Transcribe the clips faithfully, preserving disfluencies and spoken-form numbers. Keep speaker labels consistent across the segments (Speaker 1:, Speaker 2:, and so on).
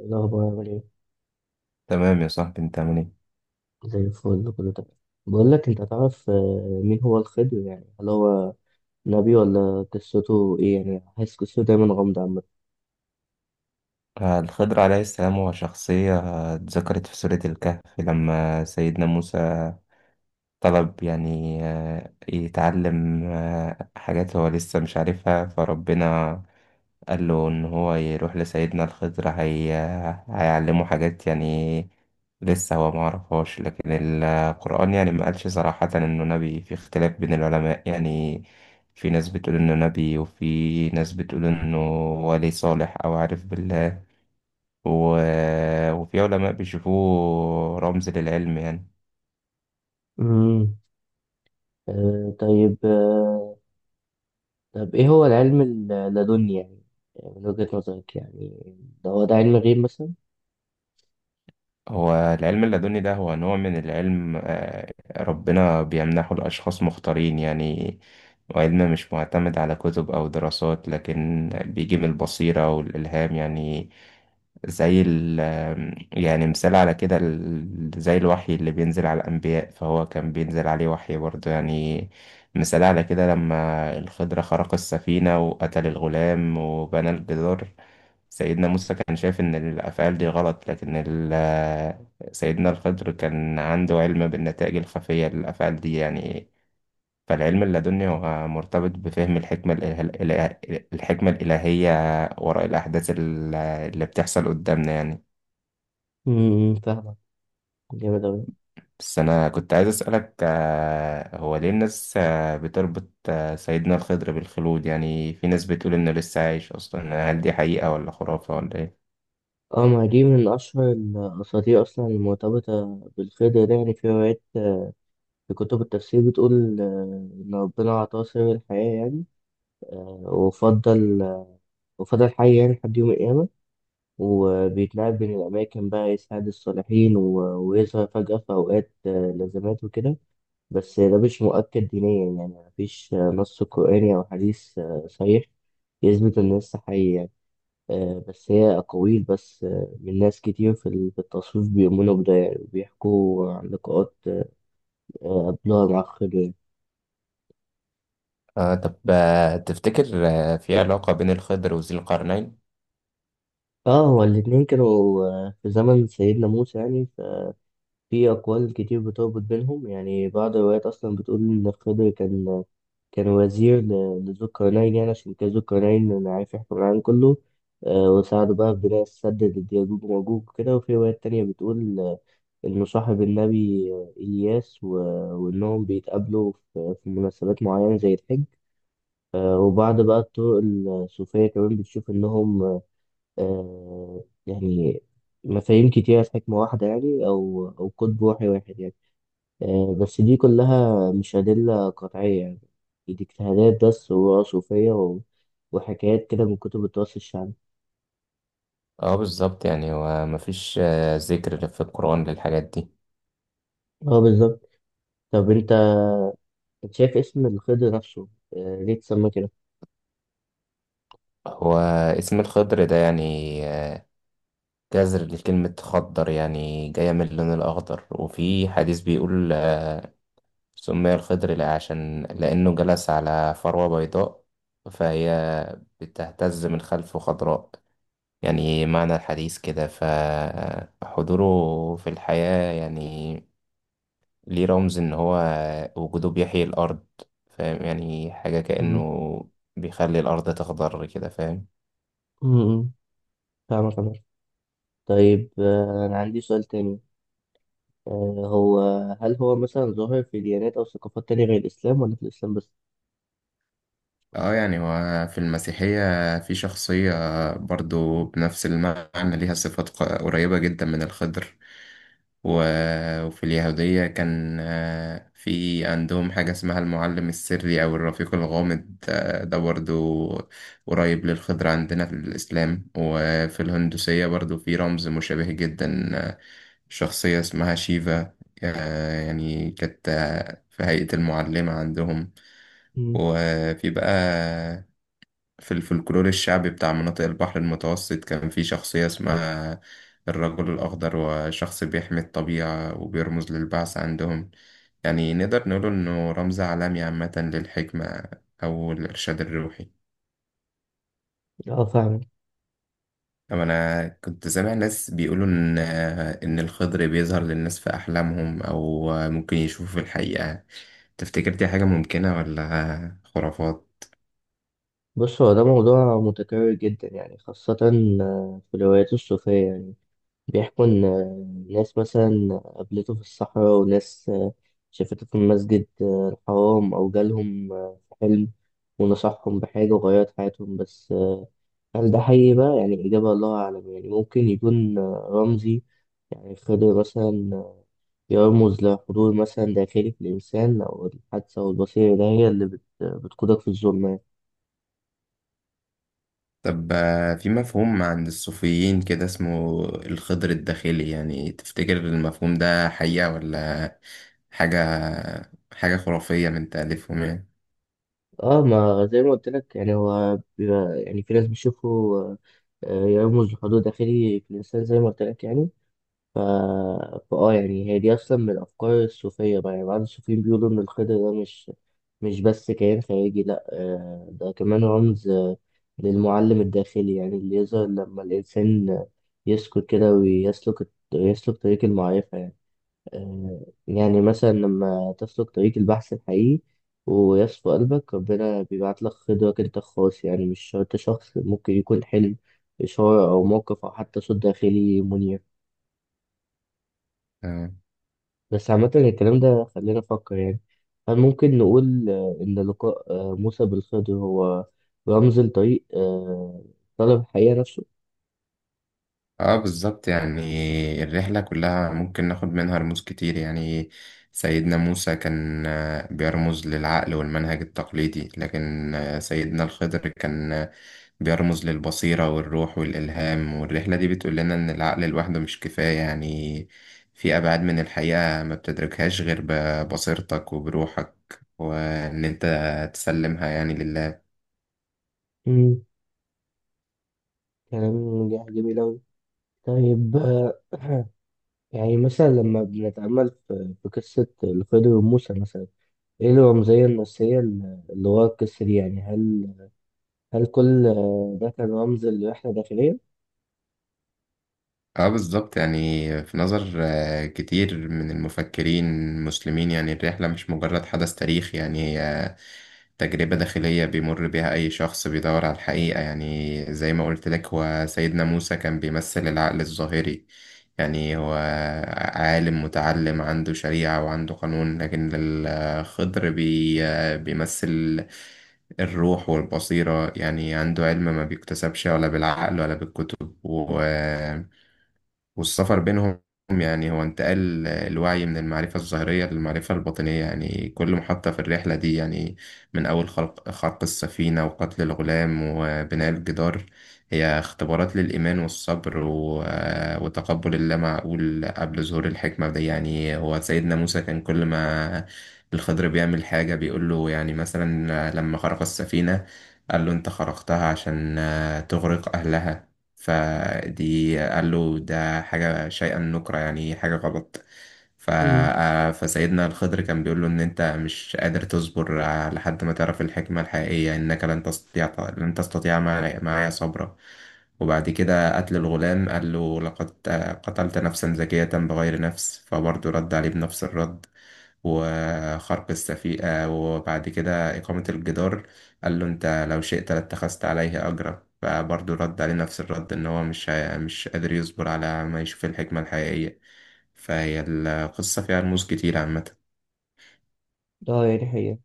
Speaker 1: إيه الأخبار عامل إيه؟
Speaker 2: تمام يا صاحبي، انت عامل ايه؟
Speaker 1: زي الفل كله تمام. بقول لك، أنت تعرف آه، مين هو الخضر يعني؟ هل هو نبي ولا قصته إيه؟ يعني حاسس قصته دايما غامضة عامة.
Speaker 2: آه، الخضر عليه السلام هو شخصية، آه، اتذكرت في سورة الكهف لما سيدنا موسى طلب يعني آه، يتعلم آه، حاجات هو لسه مش عارفها، فربنا قال له ان هو يروح لسيدنا الخضر هي... هيعلمه حاجات يعني لسه هو ما عرفهاش. لكن القرآن يعني ما قالش صراحة انه نبي. في اختلاف بين العلماء يعني، في ناس بتقول انه نبي وفي ناس بتقول انه ولي صالح او عارف بالله، و... وفي علماء بيشوفوه رمز للعلم يعني.
Speaker 1: أمم آه طيب. آه طب إيه هو العلم اللدني يعني؟ يعني من وجهة نظرك، يعني ده هو ده علم غيب مثلا؟
Speaker 2: هو العلم اللدني ده هو نوع من العلم، آه، ربنا بيمنحه لأشخاص مختارين يعني، وعلم مش معتمد على كتب أو دراسات لكن بيجي من البصيرة والإلهام يعني. زي ال يعني مثال على كده، ال- زي الوحي اللي بينزل على الأنبياء، فهو كان بينزل عليه وحي برضه يعني. مثال على كده لما الخضر خرق السفينة وقتل الغلام وبنى الجدار، سيدنا موسى كان شايف إن الأفعال دي غلط، لكن ال- سيدنا الخضر كان عنده علم بالنتائج الخفية للأفعال دي يعني. فالعلم اللدني هو مرتبط بفهم الحكمة الإله... الإله... الحكمة الإلهية وراء الأحداث ال- اللي بتحصل قدامنا يعني.
Speaker 1: أمم، فاهمك. جامد أوي.
Speaker 2: بس أنا كنت عايز أسألك، آه، هو ليه الناس آه، بتربط آه، سيدنا الخضر بالخلود؟ يعني في ناس بتقول إنه لسه عايش أصلا، هل دي حقيقة ولا خرافة ولا إيه؟
Speaker 1: اه، ما دي من أشهر الأساطير أصلا المرتبطة بالخضر ده. يعني في روايات، آه، في كتب التفسير بتقول آه، إن ربنا أعطاه سر الحياة يعني، وفضل وفضل حي يعني لحد يوم القيامة، وبيتنقل بين الأماكن بقى يساعد الصالحين و- ويظهر فجأة في أوقات آه، لازمات وكده. بس ده مش مؤكد دينيا، يعني مفيش آه، نص قرآني أو حديث آه، صحيح يثبت إن لسه حي يعني. آه، بس هي أقاويل بس، آه، من ناس كتير في ال- في التصوف بيؤمنوا بده يعني، وبيحكوا عن لقاءات آه، قبلها مع خضر يعني.
Speaker 2: آه طب آه تفتكر آه في علاقة بين الخضر وذي القرنين؟
Speaker 1: اه، هو الاتنين كانوا آه، في زمن سيدنا موسى يعني. في أقوال كتير بتربط بينهم، يعني بعض الروايات أصلا بتقول إن خضر كان كان وزير ل- لذو القرنين، يعني عشان كان ذو القرنين عارف يحكم العالم كله. آه، وساعده بقى في بناء السد ضد يأجوج ومأجوج وكده. وفي روايات تانية بتقول آه، إنه صاحب النبي آه، إلياس و- وإنهم بيتقابلوا في في مناسبات معينة زي الحج. آه، وبعض بقى الطرق الصوفية كمان بتشوف إنهم، آه، يعني مفاهيم كتيرة في حكمة واحدة يعني، أو أو قطب روحي واحد يعني. آه، بس دي كلها مش أدلة قطعية يعني، دي اجتهادات بس وصوفية و... وحكايات كده من كتب التراث الشعبي.
Speaker 2: اه بالظبط، يعني هو مفيش آه ذكر في القرآن للحاجات دي.
Speaker 1: اه بالظبط. طب انت شايف اسم الخضر نفسه، آه، ليه اتسمى كده؟
Speaker 2: هو اسم الخضر ده يعني، آه جذر لكلمة خضر يعني جاية من اللون الأخضر، وفي حديث بيقول آه سمي الخضر لأ- عشان لأنه جلس على فروة بيضاء فهي بتهتز من خلفه خضراء، يعني معنى الحديث كده. فحضوره في الحياة يعني ليه رمز ان هو وجوده بيحيي الارض، فاهم؟ يعني حاجة كأنه
Speaker 1: مم.
Speaker 2: بيخلي الارض تخضر كده، فاهم؟
Speaker 1: مم. فاهمك أنا. طيب آه، أنا عندي سؤال تاني، آه، هو هل هو مثلا ظاهر في ديانات أو ثقافات تانية غير الإسلام ولا في الإسلام بس؟
Speaker 2: اه يعني هو في المسيحية في شخصية برضو بنفس المعنى ليها صفات ق- قريبة جدا من الخضر، و- وفي اليهودية كان آه، في عندهم حاجة اسمها المعلم السري أو الرفيق الغامض، آه، ده برضو قريب للخضر عندنا في الإسلام. وفي الهندوسية برضو في رمز مشابه جدا، آه، شخصية اسمها شيفا، آه، يعني كانت آه، في هيئة المعلمة عندهم.
Speaker 1: مم.
Speaker 2: وفي بقى في الفلكلور الشعبي بتاع مناطق البحر المتوسط كان في شخصية اسمها الرجل الأخضر، وشخص بيحمي الطبيعة وبيرمز للبعث عندهم. يعني نقدر نقول إنه رمز عالمي عامة للحكمة أو الإرشاد الروحي.
Speaker 1: اه فاهمك.
Speaker 2: أما أنا كنت سامع ناس بيقولوا إن إن الخضر بيظهر للناس في أحلامهم أو ممكن يشوفوا في الحقيقة، تفتكر دي حاجة ممكنة ولا خرافات؟
Speaker 1: بص، هو ده موضوع متكرر جدا يعني، خاصة آه، في الروايات الصوفية يعني. بيحكوا إن آه، ناس مثلا قابلته في الصحراء، وناس آه، شافته في المسجد آه، الحرام، أو جالهم آه، في حلم ونصحهم بحاجة وغيرت حياتهم. بس آه، هل ده حقيقي بقى؟ يعني إجابة الله أعلم. يعني ممكن يكون آه، رمزي، يعني خضر مثلا آه، يرمز لحضور مثلا داخلي في الإنسان، أو الحادثة والبصيرة ده هي اللي بت- بتقودك في الظلمة.
Speaker 2: طب، آه، في مفهوم عند الصوفيين كده اسمه الخضر الداخلي، يعني تفتكر المفهوم ده حقيقة ولا حاجة حاجة خرافية من تأليفهم يعني؟
Speaker 1: اه، ما زي ما قلت لك يعني، هو بيبقى يعني في ناس بيشوفوا آه، يرمز لحضور داخلي في الإنسان زي ما قلت لك يعني. ف... فآه، يعني هي دي أصلا من الأفكار الصوفية بقى. يعني بعض الصوفيين بيقولوا إن الخضر ده مش مش بس كيان خارجي، لأ، آه، ده كمان رمز آه، للمعلم الداخلي يعني، اللي يظهر لما الإنسان يسكت كده ويسلك يسلك طريق المعرفة يعني. آه، يعني مثلا لما تسلك طريق البحث الحقيقي ويصفو قلبك، ربنا بيبعت لك خضرك انت الخاص يعني. مش شرط شخص، ممكن يكون حلم، إشارة أو موقف، أو حتى صوت داخلي منير.
Speaker 2: اه،
Speaker 1: بس عامة الكلام ده، خلينا نفكر يعني، هل ممكن نقول آه، إن لقاء آه، موسى بالخضر هو رمز لطريق آه، طلب الحقيقة نفسه؟
Speaker 2: آه، بالظبط، يعني الرحلة كلها ممكن ناخد منها رموز كتير يعني. سيدنا موسى كان، آه، بيرمز للعقل والمنهج التقليدي، لكن، آه، سيدنا الخضر كان بيرمز للبصيرة والروح والإلهام. والرحلة دي بتقول لنا إن العقل لوحده مش كفاية يعني، في أبعاد من الحقيقة ما بتدركهاش غير ببصيرتك وبروحك، وإن أنت تسلمها يعني لله.
Speaker 1: مم، كلام جميل أوي. طيب آه، يعني مثلا لما بنتأمل في في قصة الخضر وموسى مثلا، ايه الرمزية النسية اللي ورا القصة دي يعني؟ هل هل كل آه، ده كان رمز لرحلة داخلية؟
Speaker 2: اه بالظبط، يعني في نظر، آه، كتير من المفكرين المسلمين يعني الرحلة مش مجرد حدث تاريخي، يعني هي تجربة داخلية بيمر بيها أي شخص بيدور على الحقيقة. يعني زي ما قلت لك هو سيدنا موسى كان بيمثل العقل الظاهري، يعني هو عالم متعلم عنده شريعة وعنده قانون، لكن الخضر بي بيمثل الروح والبصيرة، يعني عنده علم ما بيكتسبش ولا بالعقل ولا بالكتب، و والسفر بينهم يعني هو انتقال الوعي من المعرفة الظاهرية للمعرفة الباطنية يعني. كل محطة في الرحلة دي يعني من أول خلق, خلق السفينة وقتل الغلام وبناء الجدار، هي اختبارات للإيمان والصبر و... وتقبل اللامعقول قبل ظهور الحكمة. ده يعني هو سيدنا موسى كان كل ما الخضر بيعمل حاجة بيقول له، يعني مثلا لما خرق السفينة قال له أنت خرقتها عشان تغرق أهلها، فدي قال له ده حاجة شيئا نكرة يعني حاجة غلط. ف...
Speaker 1: امم.
Speaker 2: آه، فسيدنا الخضر كان بيقول له إن أنت مش قادر تصبر آه، لحد ما تعرف الحكمة الحقيقية، إنك لن تستطيع، لن تستطيع معي- معايا صبرا. وبعد كده قتل الغلام قال له لقد، آه، قتلت نفسا زكية بغير نفس، فبرضه رد عليه بنفس الرد. وخرق السفيئة، وبعد كده إقامة الجدار قال له أنت لو شئت لاتخذت عليه أجرا، فبرضه رد عليه نفس الرد إن هو مش هي- مش قادر يصبر على ما يشوف الحكمة الحقيقية. فهي القصة فيها رموز كتير عامة.
Speaker 1: اه يعني هي،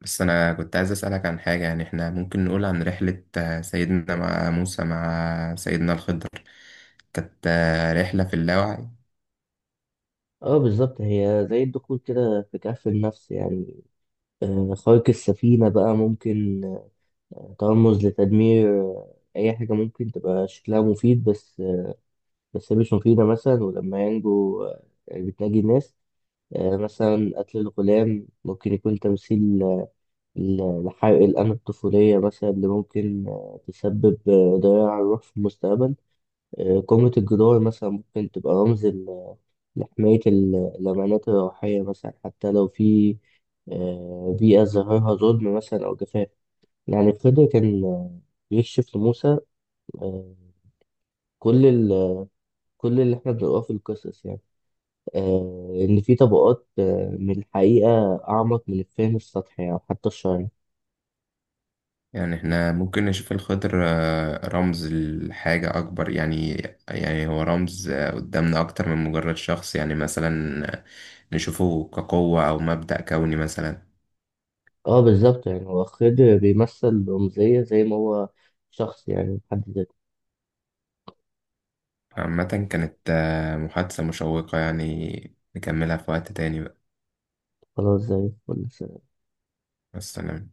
Speaker 2: بس أنا كنت عايز أسألك عن حاجة، يعني إحنا ممكن نقول عن رحلة، آه، سيدنا مع موسى مع سيدنا الخضر كانت، آه، رحلة في اللاوعي؟
Speaker 1: اه بالظبط، هي زي الدخول كده في كهف النفس يعني. آه، خارق السفينة بقى ممكن آه، ترمز لتدمير آه، أي حاجة ممكن تبقى شكلها مفيد، بس آه، بس هي مش مفيدة مثلا. ولما ينجو آه، بتناجي الناس. آه، مثلا قتل الغلام ممكن يكون تمثيل ال- الحرق الآن الطفولية مثلا اللي ممكن آه، تسبب آه، ضياع الروح في المستقبل. آه، قمة الجدار مثلا ممكن تبقى رمز ال- لحماية ال- الأمانات الروحية مثلا، حتى لو في آه، بيئة ظاهرها ظلم مثلا أو جفاف. يعني خضر كان آه، بيكشف لموسى، آه، كل ال- كل اللي احنا بنقراه في القصص يعني، آه، إن في طبقات آه، من الحقيقة أعمق من الفهم السطحي أو حتى الشرعي.
Speaker 2: يعني احنا ممكن نشوف الخضر، آه، رمز لحاجة أكبر يعني، يعني هو رمز آه، قدامنا أكتر من مجرد شخص، يعني مثلا، آه، نشوفه كقوة أو مبدأ كوني مثلا.
Speaker 1: اه بالظبط، يعني هو خضر بيمثل رمزية زي ما هو شخص يعني حد ذاته.
Speaker 2: عامة كانت، آه، محادثة مشوقة، يعني نكملها في وقت تاني بقى.
Speaker 1: خلاص، زي الفل.
Speaker 2: والسلام.